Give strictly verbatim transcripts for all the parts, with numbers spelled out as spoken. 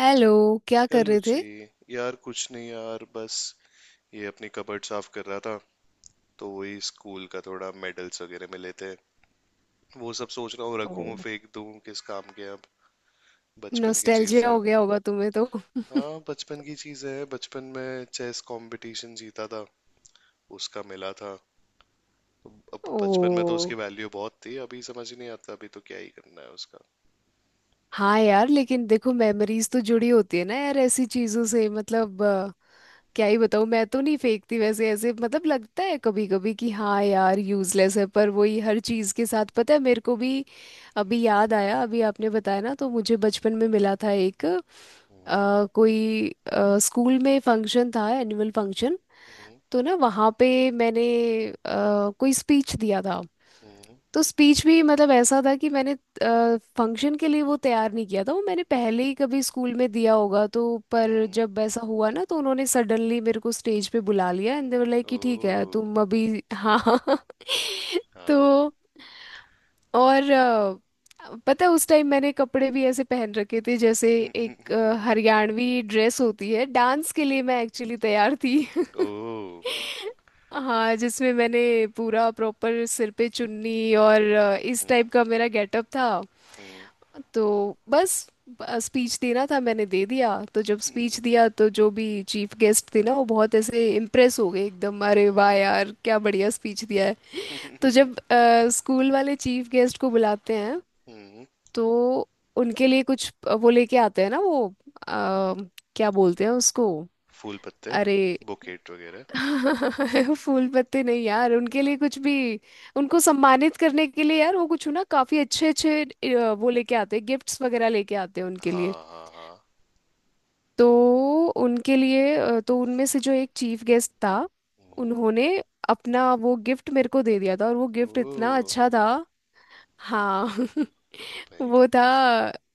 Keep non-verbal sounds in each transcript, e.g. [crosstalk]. Hello. क्या कर hello रहे जी। थे? यार कुछ नहीं यार, बस ये अपनी कबर्ड साफ कर रहा था, तो वही स्कूल का थोड़ा मेडल्स वगैरह मिले थे। वो सब सोच रहा हूँ रखूँ, ओ, फेंक दूँ, किस काम के अब। बचपन की चीज़ नोस्टैल्जिया है। हो गया होगा तुम्हें तो। हाँ, बचपन की चीज़ है। बचपन में चेस कंपटीशन जीता था, उसका मिला था। अब ओ, बचपन में तो उसकी वैल्यू बहुत थी, अभी समझ नहीं आता, अभी तो क्या ही करना है उसका। हाँ यार, लेकिन देखो, मेमोरीज तो जुड़ी होती है ना यार ऐसी चीजों से। मतलब अ, क्या ही बताऊँ, मैं तो नहीं फेंकती वैसे। ऐसे मतलब लगता है कभी कभी कि हाँ यार यूजलेस है, पर वही हर चीज के साथ, पता है मेरे को भी। अभी याद आया, अभी आपने बताया ना, तो मुझे बचपन में मिला था एक हम्म। अ, कोई अ, स्कूल में फंक्शन था, एनुअल फंक्शन। हम्म। तो ना, वहाँ पे मैंने अ, कोई स्पीच दिया था। हम्म। तो स्पीच भी मतलब ऐसा था कि मैंने फंक्शन के लिए वो तैयार नहीं किया था, वो मैंने पहले ही कभी स्कूल में दिया होगा तो। पर हम्म। जब ऐसा हुआ ना, तो उन्होंने सडनली मेरे को स्टेज पे बुला लिया, एंड दे वर लाइक कि ठीक है ओह। तुम अभी। हाँ। [laughs] हाँ तो और अ, पता है, उस टाइम मैंने कपड़े भी ऐसे पहन रखे थे जैसे एक अ, [laughs] हरियाणवी ड्रेस होती है डांस के लिए, मैं एक्चुअली तैयार थी। [laughs] ओह। हाँ, जिसमें मैंने पूरा प्रॉपर सिर पे चुन्नी और अ, इस हम्म। टाइप का मेरा गेटअप था। हम्म। तो बस, स्पीच देना था, मैंने दे दिया। तो जब स्पीच दिया, तो जो भी चीफ गेस्ट थे ना, वो बहुत ऐसे इम्प्रेस हो गए एकदम, अरे हम्म। वाह यार क्या बढ़िया स्पीच दिया है। तो [laughs] जब स्कूल वाले चीफ गेस्ट को बुलाते हैं, हम्म। तो उनके लिए कुछ अ, वो लेके आते हैं ना वो, अ, क्या बोलते हैं उसको? फूल पत्ते। अरे बुकेट वगैरह। [laughs] फूल पत्ते नहीं यार, उनके लिए हाँ कुछ भी उनको सम्मानित करने के लिए यार, वो कुछ ना काफी अच्छे अच्छे अ, वो लेके आते हैं, गिफ्ट्स वगैरह लेके आते हैं उनके लिए। हाँ हाँ। हाँ। तो उनके लिए अ, तो उनमें से जो एक चीफ गेस्ट था, हम्म। उन्होंने अपना वो गिफ्ट मेरे को दे दिया था, और वो गिफ्ट इतना ओ। अच्छा था। हाँ। [laughs] भाई। वो था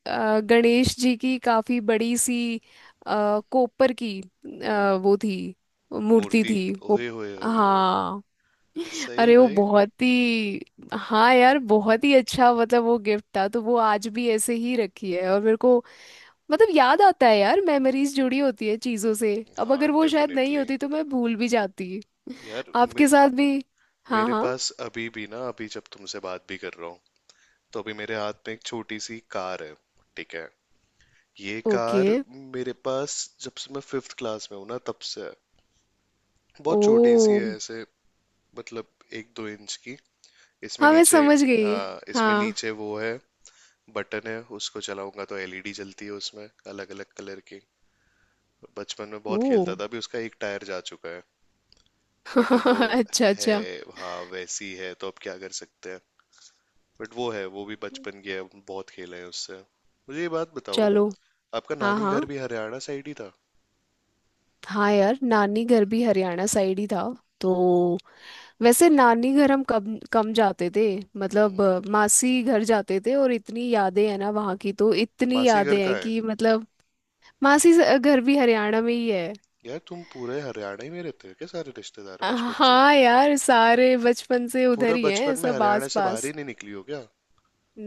अ, गणेश जी की काफी बड़ी सी अ, कोपर की अ, हम्म। वो थी, मूर्ति मूर्ति। थी वो। ओए होए होए होए। हाँ, सही अरे वो भाई। बहुत ही, हाँ यार बहुत ही अच्छा, मतलब वो गिफ्ट था, तो वो आज भी ऐसे ही रखी है और मेरे को मतलब याद आता है यार, मेमोरीज जुड़ी होती है चीजों से। अब हाँ अगर वो शायद नहीं डेफिनेटली। होती तो मैं भूल भी जाती। यार मे, आपके साथ भी हाँ मेरे हाँ। पास अभी भी ना, अभी जब तुमसे बात भी कर रहा हूँ तो अभी मेरे हाथ में एक छोटी सी कार है। ठीक है। ये ओके। कार मेरे पास जब से मैं फिफ्थ क्लास में हूँ ना, तब से है। ओ। बहुत छोटी सी है ऐसे, मतलब एक दो इंच की। इसमें हाँ, मैं नीचे। समझ गई। हाँ, इसमें हाँ। नीचे वो है, बटन है, उसको चलाऊंगा तो एल ई डी जलती है उसमें, अलग अलग कलर की। बचपन में बहुत ओ। खेलता था, अभी उसका एक टायर जा चुका है। बट अब वो [laughs] अच्छा है। अच्छा। हाँ वैसी है, तो अब क्या कर सकते हैं। बट वो है, वो भी बचपन की है, बहुत खेले हैं उससे। मुझे ये बात बताओ, चलो। आपका हाँ नानी घर हाँ, भी हरियाणा साइड ही था? हाँ यार नानी घर भी हरियाणा साइड ही था तो। वैसे नानी घर हम कम कम जाते थे, मतलब अ, हम्म। मासी घर जाते थे। और इतनी यादें हैं ना वहाँ की, तो इतनी मासी घर यादें का हैं है? कि, मतलब मासी स- घर भी हरियाणा में ही है। यार तुम पूरे हरियाणा ही में रहते हो क्या, सारे रिश्तेदार अ, बचपन से? हाँ यार सारे बचपन से उधर पूरा ही हैं, बचपन में सब हरियाणा आस से बाहर पास। ही नहीं निकली हो क्या?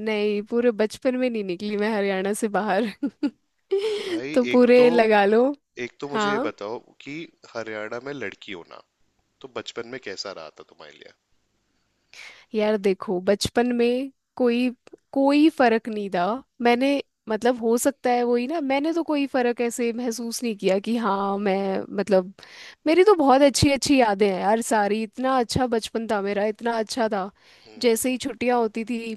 नहीं, पूरे बचपन में नहीं निकली मैं हरियाणा से बाहर। [laughs] भाई तो एक तो, पूरे लगा लो। एक तो मुझे ये हाँ बताओ कि हरियाणा में लड़की होना, तो बचपन में कैसा रहा था तुम्हारे लिए? यार देखो, बचपन में कोई कोई फर्क नहीं था। हम्म। मैंने, मतलब हो सकता है वही ना, मैंने तो कोई फर्क ऐसे महसूस नहीं किया कि हाँ मैं, मतलब मेरी तो बहुत अच्छी अच्छी यादें हैं यार सारी। इतना अच्छा बचपन था मेरा, इतना अच्छा था। हम्म। जैसे ही छुट्टियां होती थी,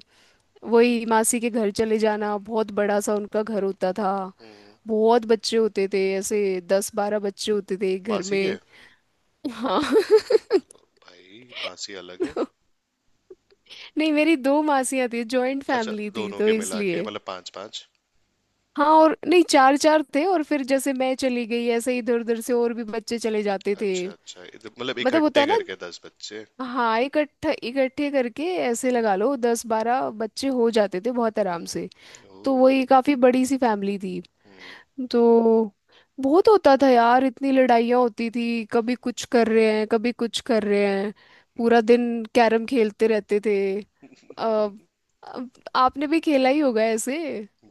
वही मासी के घर चले जाना। बहुत बड़ा सा उनका घर होता था, हम्म। बहुत बच्चे होते थे ऐसे। दस बारह बच्चे होते थे एक घर मासी के? में। हाँ। [laughs] भाई मासी अलग है। तो नहीं, मेरी दो मासियां थी, जॉइंट अच्छा, फैमिली थी दोनों तो के मिला के इसलिए। मतलब पांच पांच? हाँ, और नहीं, चार चार थे, और फिर जैसे मैं चली गई ऐसे इधर उधर से और भी बच्चे चले जाते थे। अच्छा अच्छा, इध- मतलब मतलब होता इकट्ठे है ना। करके दस बच्चे? हाँ, इकट्ठा इकट्ठे करके ऐसे लगा हम्म। लो दस बारह बच्चे हो जाते थे बहुत आराम से। हम्म। तो ओह। वही, काफी बड़ी सी फैमिली थी। हम्म। तो बहुत होता था यार, इतनी लड़ाइयाँ होती थी, कभी कुछ कर रहे हैं कभी कुछ कर रहे हैं। पूरा दिन कैरम खेलते रहते थे। आ, आपने भी खेला ही होगा ऐसे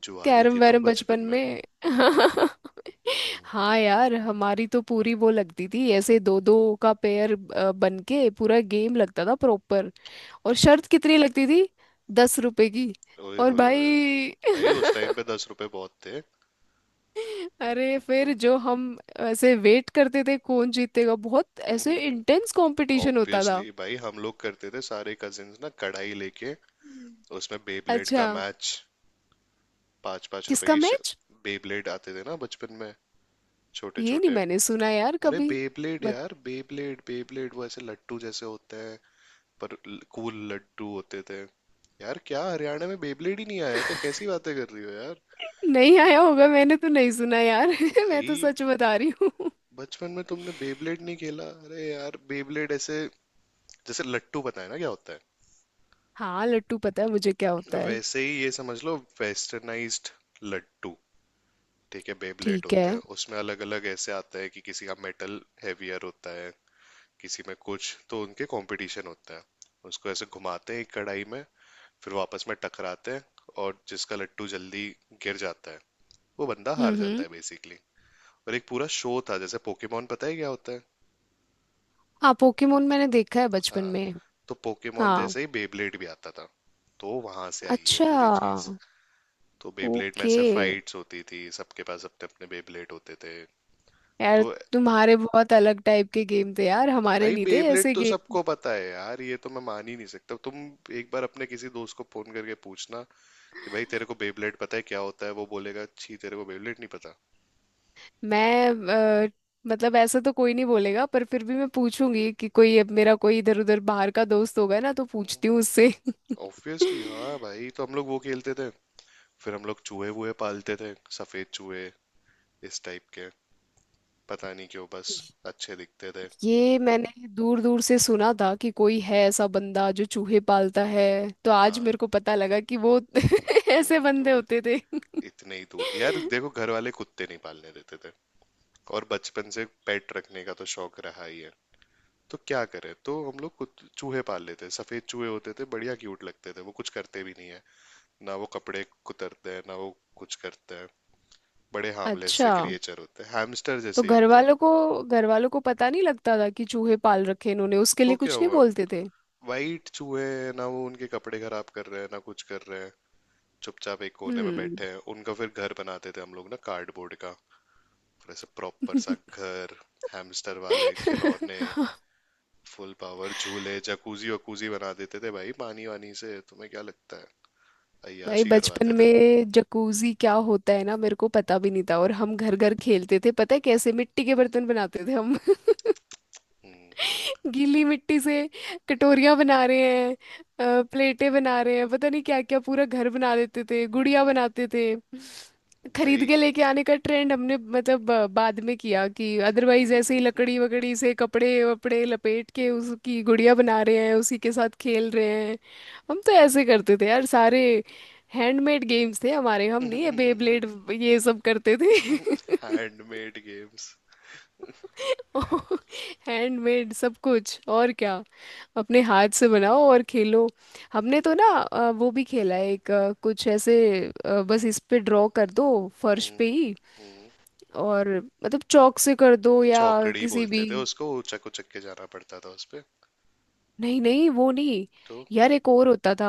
जुआरी कैरम थी तुम वैरम बचपन बचपन में? में। [laughs] हाँ यार, हमारी तो पूरी वो लगती थी ऐसे, दो दो का पेयर अ, बन के पूरा गेम लगता था प्रॉपर। और शर्त कितनी लगती थी? दस रुपए की। ओए और होए होए। भाई। भाई उस [laughs] टाइम पे दस रुपए बहुत थे। अरे फिर जो हम ऐसे वेट करते थे कौन जीतेगा, बहुत ऐसे इंटेंस [laughs] कंपटीशन होता था। ऑब्वियसली भाई, हम लोग करते थे, सारे कजिन्स ना कढ़ाई लेके, उसमें बेब्लेड अच्छा। का मैच, पांच पांच रुपए किसका की। मैच? बेब्लेड आते थे ना बचपन में, छोटे ये नहीं छोटे। मैंने सुना यार अरे कभी। बेब्लेड बत, यार, बेब्लेड, बेब्लेड वो ऐसे लट्टू जैसे होते हैं, पर कूल लट्टू होते थे। यार क्या हरियाणा में बेब्लेड ही नहीं आया क्या, कैसी बातें कर रही हो यार। नहीं आया होगा, मैंने तो नहीं सुना यार। [laughs] मैं तो भाई। सच बता रही हूँ। बचपन में तुमने बेब्लेड नहीं खेला? अरे यार, बेब्लेड ऐसे, जैसे लट्टू, पता है ना क्या होता है, हाँ, लट्टू पता है मुझे क्या होता है। वैसे ही ये समझ लो, वेस्टर्नाइज्ड लट्टू। ठीक है, बेब्लेड ठीक है। होते हैं, उसमें अलग अलग ऐसे आता है कि किसी का मेटल हैवियर होता है, किसी में कुछ, तो उनके कंपटीशन होता है। उसको ऐसे घुमाते हैं एक कढ़ाई में, फिर वो आपस में टकराते हैं, और जिसका लट्टू जल्दी गिर जाता है वो बंदा हम्म हार जाता हम्म। है बेसिकली। और एक पूरा शो था जैसे पोकेमोन, पता है क्या होता है? हाँ, पोकेमोन मैंने देखा है बचपन हाँ। में। तो पोकेमोन हाँ। जैसे ही बेब्लेड भी आता था, तो वहां से आई है अच्छा। पूरी चीज। तो बेब्लेड में ओके। ऐसे फाइट्स होती थी, सबके पास अपने अपने बेब्लेड होते थे। यार तो तुम्हारे बहुत अलग टाइप के गेम थे यार, हमारे भाई नहीं थे बेब्लेड ऐसे तो गेम। सबको पता है यार, ये तो मैं मान ही नहीं सकता। तुम एक बार अपने किसी दोस्त को फोन करके पूछना कि भाई तेरे को बेब्लेड पता है क्या होता है, वो बोलेगा छी तेरे को बेब्लेड नहीं पता। मैं अ, मतलब ऐसा तो कोई नहीं बोलेगा, पर फिर भी मैं पूछूंगी कि कोई, अब मेरा कोई इधर उधर बाहर का दोस्त होगा ना तो हम्म, पूछती हूँ उससे। [laughs] ऑब्वियसली हाँ भाई, तो हम लोग वो खेलते थे। फिर हम लोग चूहे वूहे पालते थे, सफेद चूहे, इस टाइप के। पता नहीं क्यों, बस अच्छे दिखते थे। ये मैंने दूर दूर से सुना था कि कोई है ऐसा बंदा जो चूहे पालता है। तो आज हाँ। मेरे को पता लगा कि वो [laughs] ऐसे हम्म। बंदे वो होते थे। इतने ही दूर। यार [laughs] देखो, घर वाले कुत्ते नहीं पालने देते थे, और बचपन से पेट रखने का तो शौक रहा ही है, तो क्या करें, तो हम लोग कुत- चूहे पाल लेते। सफेद चूहे होते थे, बढ़िया, क्यूट लगते थे। वो कुछ करते भी नहीं है, ना वो कपड़े कुतरते हैं, ना वो कुछ करते हैं। बड़े हार्मलेस अच्छा। से क्रिएचर होते हैं, हैमस्टर तो जैसे ही घर होता है। वालों को घर वालों को पता नहीं लगता था कि चूहे पाल रखे इन्होंने, उसके तो लिए क्या कुछ नहीं हुआ, बोलते थे। वाइट चूहे हैं, ना वो उनके कपड़े खराब कर रहे हैं, ना कुछ कर रहे हैं, चुपचाप एक कोने में हम्म। बैठे हैं। उनका फिर घर बनाते थे हम लोग ना, कार्डबोर्ड का, फिर ऐसे प्रॉपर सा घर, हैमस्टर वाले खिलौने। [laughs] फुल पावर झूले, जकूजी वकूजी बना देते थे भाई, पानी वानी से। तुम्हें क्या लगता है, भाई, अय्याशी बचपन करवाते थे। में जकूजी क्या होता है ना, मेरे को पता भी नहीं था। और हम घर घर खेलते थे, पता है कैसे? मिट्टी के बर्तन बनाते थे हम। [laughs] हम्म। [laughs] गीली मिट्टी से कटोरियां बना रहे हैं, अ, प्लेटें बना रहे हैं, पता नहीं क्या क्या, पूरा घर बना देते थे, गुड़िया बनाते थे। खरीद भाई के लेके आने का ट्रेंड हमने मतलब अ, बाद में किया, कि अदरवाइज ऐसे ही लकड़ी वकड़ी से कपड़े वपड़े लपेट के उसकी गुड़िया बना रहे हैं, उसी के साथ खेल रहे हैं। हम तो ऐसे करते थे यार सारे, हैंडमेड गेम्स थे हमारे। हम नहीं ये बेब्लेड, [laughs] ये सब करते थे। [laughs] Handmade games. [laughs] हैंडमेड सब कुछ, और क्या? अपने हाथ से बनाओ और खेलो। हमने तो ना अ, वो भी खेला है एक, अ, कुछ ऐसे, अ, बस इस पे ड्रॉ कर दो, फर्श हम्म। पे ही। हम्म। और मतलब चौक से कर दो, या चौकड़ी किसी भी। बोलते थे उसको, वो चक उचक के जाना पड़ता था उस पे। नहीं नहीं, वो नहीं। तो यार एक और होता था।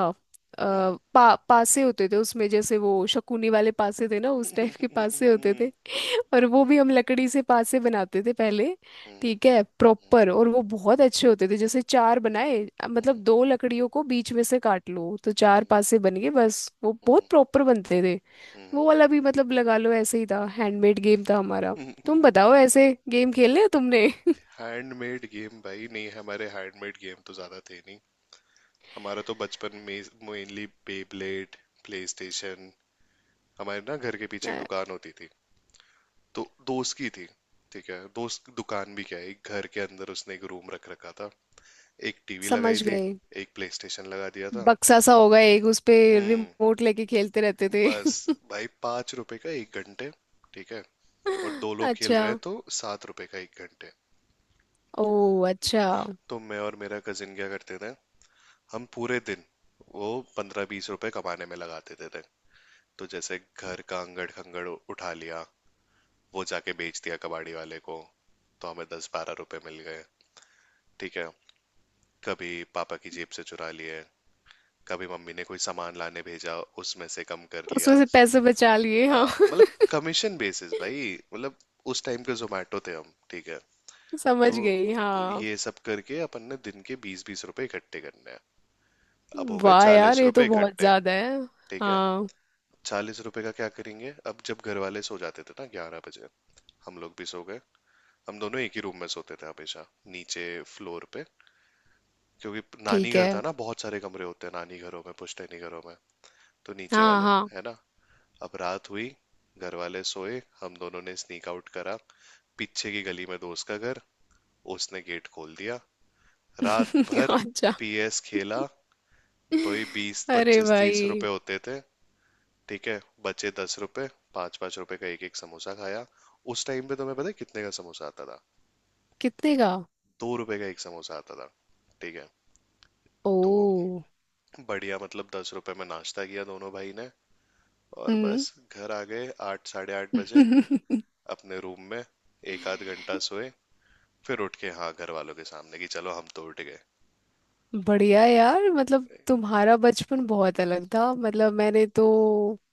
आ, [laughs] पा, पासे होते थे उसमें जैसे, वो शकुनी वाले पासे थे ना, उस टाइप के [laughs] पासे होते थे। हम्म। [laughs] और वो भी हम लकड़ी से पासे बनाते थे पहले। ठीक है प्रॉपर। और वो बहुत अच्छे होते थे, जैसे चार बनाए, अ, मतलब दो लकड़ियों को बीच में से काट लो तो चार पासे बन गए, बस। वो बहुत हैंडमेड प्रॉपर बनते थे। वो वाला भी मतलब लगा लो ऐसे ही था, हैंडमेड गेम था हमारा। तुम बताओ ऐसे गेम खेले हैं तुमने? गेम भाई नहीं, हमारे हैंडमेड गेम तो ज्यादा थे नहीं। हमारा तो बचपन में मेनली बेब्लेड, प्लेस्टेशन। हमारे ना घर के पीछे एक अ, दुकान होती थी, तो दोस्त की थी। ठीक है, दोस्त दुकान भी क्या है, एक घर के अंदर उसने एक रूम रख रखा था, एक टीवी लगाई समझ थी, गए। एक प्लेस्टेशन लगा दिया था। बक्सा सा होगा एक, उस पे हम्म। रिमोट लेके खेलते रहते थे। बस। भाई पाँच रुपए का एक घंटे, ठीक है, और दो [laughs] लोग खेल अच्छा। रहे हैं तो सात रुपए का एक घंटे। ओ अच्छा। तो मैं और मेरा कजिन क्या करते थे, हम पूरे दिन वो पंद्रह बीस रुपए कमाने में लगा देते थे। तो जैसे घर का अंगड़ खंगड़ उठा लिया, वो जाके बेच दिया कबाड़ी वाले को, तो हमें दस बारह रुपए मिल गए। ठीक है। कभी पापा की जेब से चुरा लिए, कभी मम्मी ने कोई सामान लाने भेजा, उसमें से कम कर उसमें लिया। से पैसे बचा लिए आ, हाँ। मतलब कमीशन बेसिस भाई। मतलब उस टाइम के जोमेटो थे हम, ठीक है। [laughs] तो समझ गई हाँ। ये सब करके अपन ने दिन के बीस बीस रुपए इकट्ठे करने हैं, अब हो गए वाह यार, चालीस ये तो रुपए बहुत इकट्ठे। ज्यादा है। ठीक है। हाँ। चालीस रुपए का क्या करेंगे? अब जब घर वाले सो जाते थे ना ग्यारह बजे, हम लोग भी सो गए। हम दोनों एक ही रूम में सोते थे हमेशा, नीचे फ्लोर पे, क्योंकि नानी ठीक घर है। था ना, बहुत सारे कमरे होते हैं नानी घरों में, पुश्तैनी घरों में, तो नीचे हाँ वाले। हाँ। है ना। अब रात हुई, घर वाले सोए, हम दोनों ने स्नीक आउट करा। पीछे की गली में दोस्त का घर, उसने गेट खोल दिया। रात भर [laughs] अच्छा। पी एस खेला। भाई बीस अरे पच्चीस तीस रुपए भाई। होते थे। ठीक है, बचे दस रुपए, पाँच पाँच रुपए का एक एक समोसा खाया। उस टाइम पे तुम्हें पता है कितने का समोसा आता था? कितने का? दो रुपए का एक समोसा आता था, ठीक है। तो ओ। बढ़िया, मतलब दस रुपए में नाश्ता किया दोनों भाई ने, और हम्म। बस घर आ गए आठ साढ़े आठ बजे अपने रूम में। एक [laughs] आध घंटा सोए, फिर उठ के हाँ घर वालों के सामने कि चलो हम तो उठ गए। बढ़िया यार, मतलब तुम्हारा बचपन बहुत अलग था। मतलब मैंने तो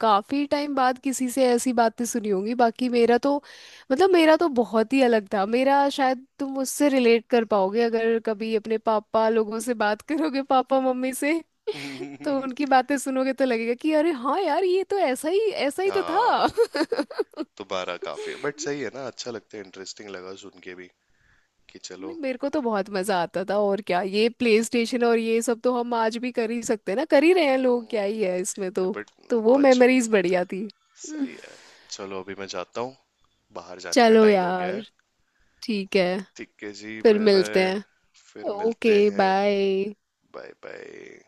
काफी टाइम बाद किसी से ऐसी बातें सुनी होंगी। बाकी मेरा तो, मतलब मेरा तो बहुत ही अलग था। मेरा शायद तुम उससे रिलेट कर पाओगे अगर कभी अपने पापा लोगों से बात करोगे, पापा मम्मी से तो [laughs] उनकी बातें सुनोगे तो लगेगा कि अरे हाँ यार ये तो ऐसा ही, ऐसा ही तो हाँ था। दोबारा काफी है, बट सही [laughs] है ना, अच्छा लगता है, इंटरेस्टिंग लगा सुन के भी, कि चलो। नहीं, मेरे को तो बहुत मजा आता था। और क्या ये प्ले स्टेशन और ये सब तो हम आज भी कर ही सकते हैं ना, कर ही रहे हैं लोग, क्या ही है इसमें तो। बट तो वो बच मेमोरीज बढ़िया थी। हम्म। सही है। चलो, अभी मैं जाता हूँ, बाहर जाने का चलो टाइम हो गया यार, है। ठीक है। ठीक है जी, फिर बाय मिलते बाय। हैं। फिर ओके। मिलते हैं। बाय। Bye bye.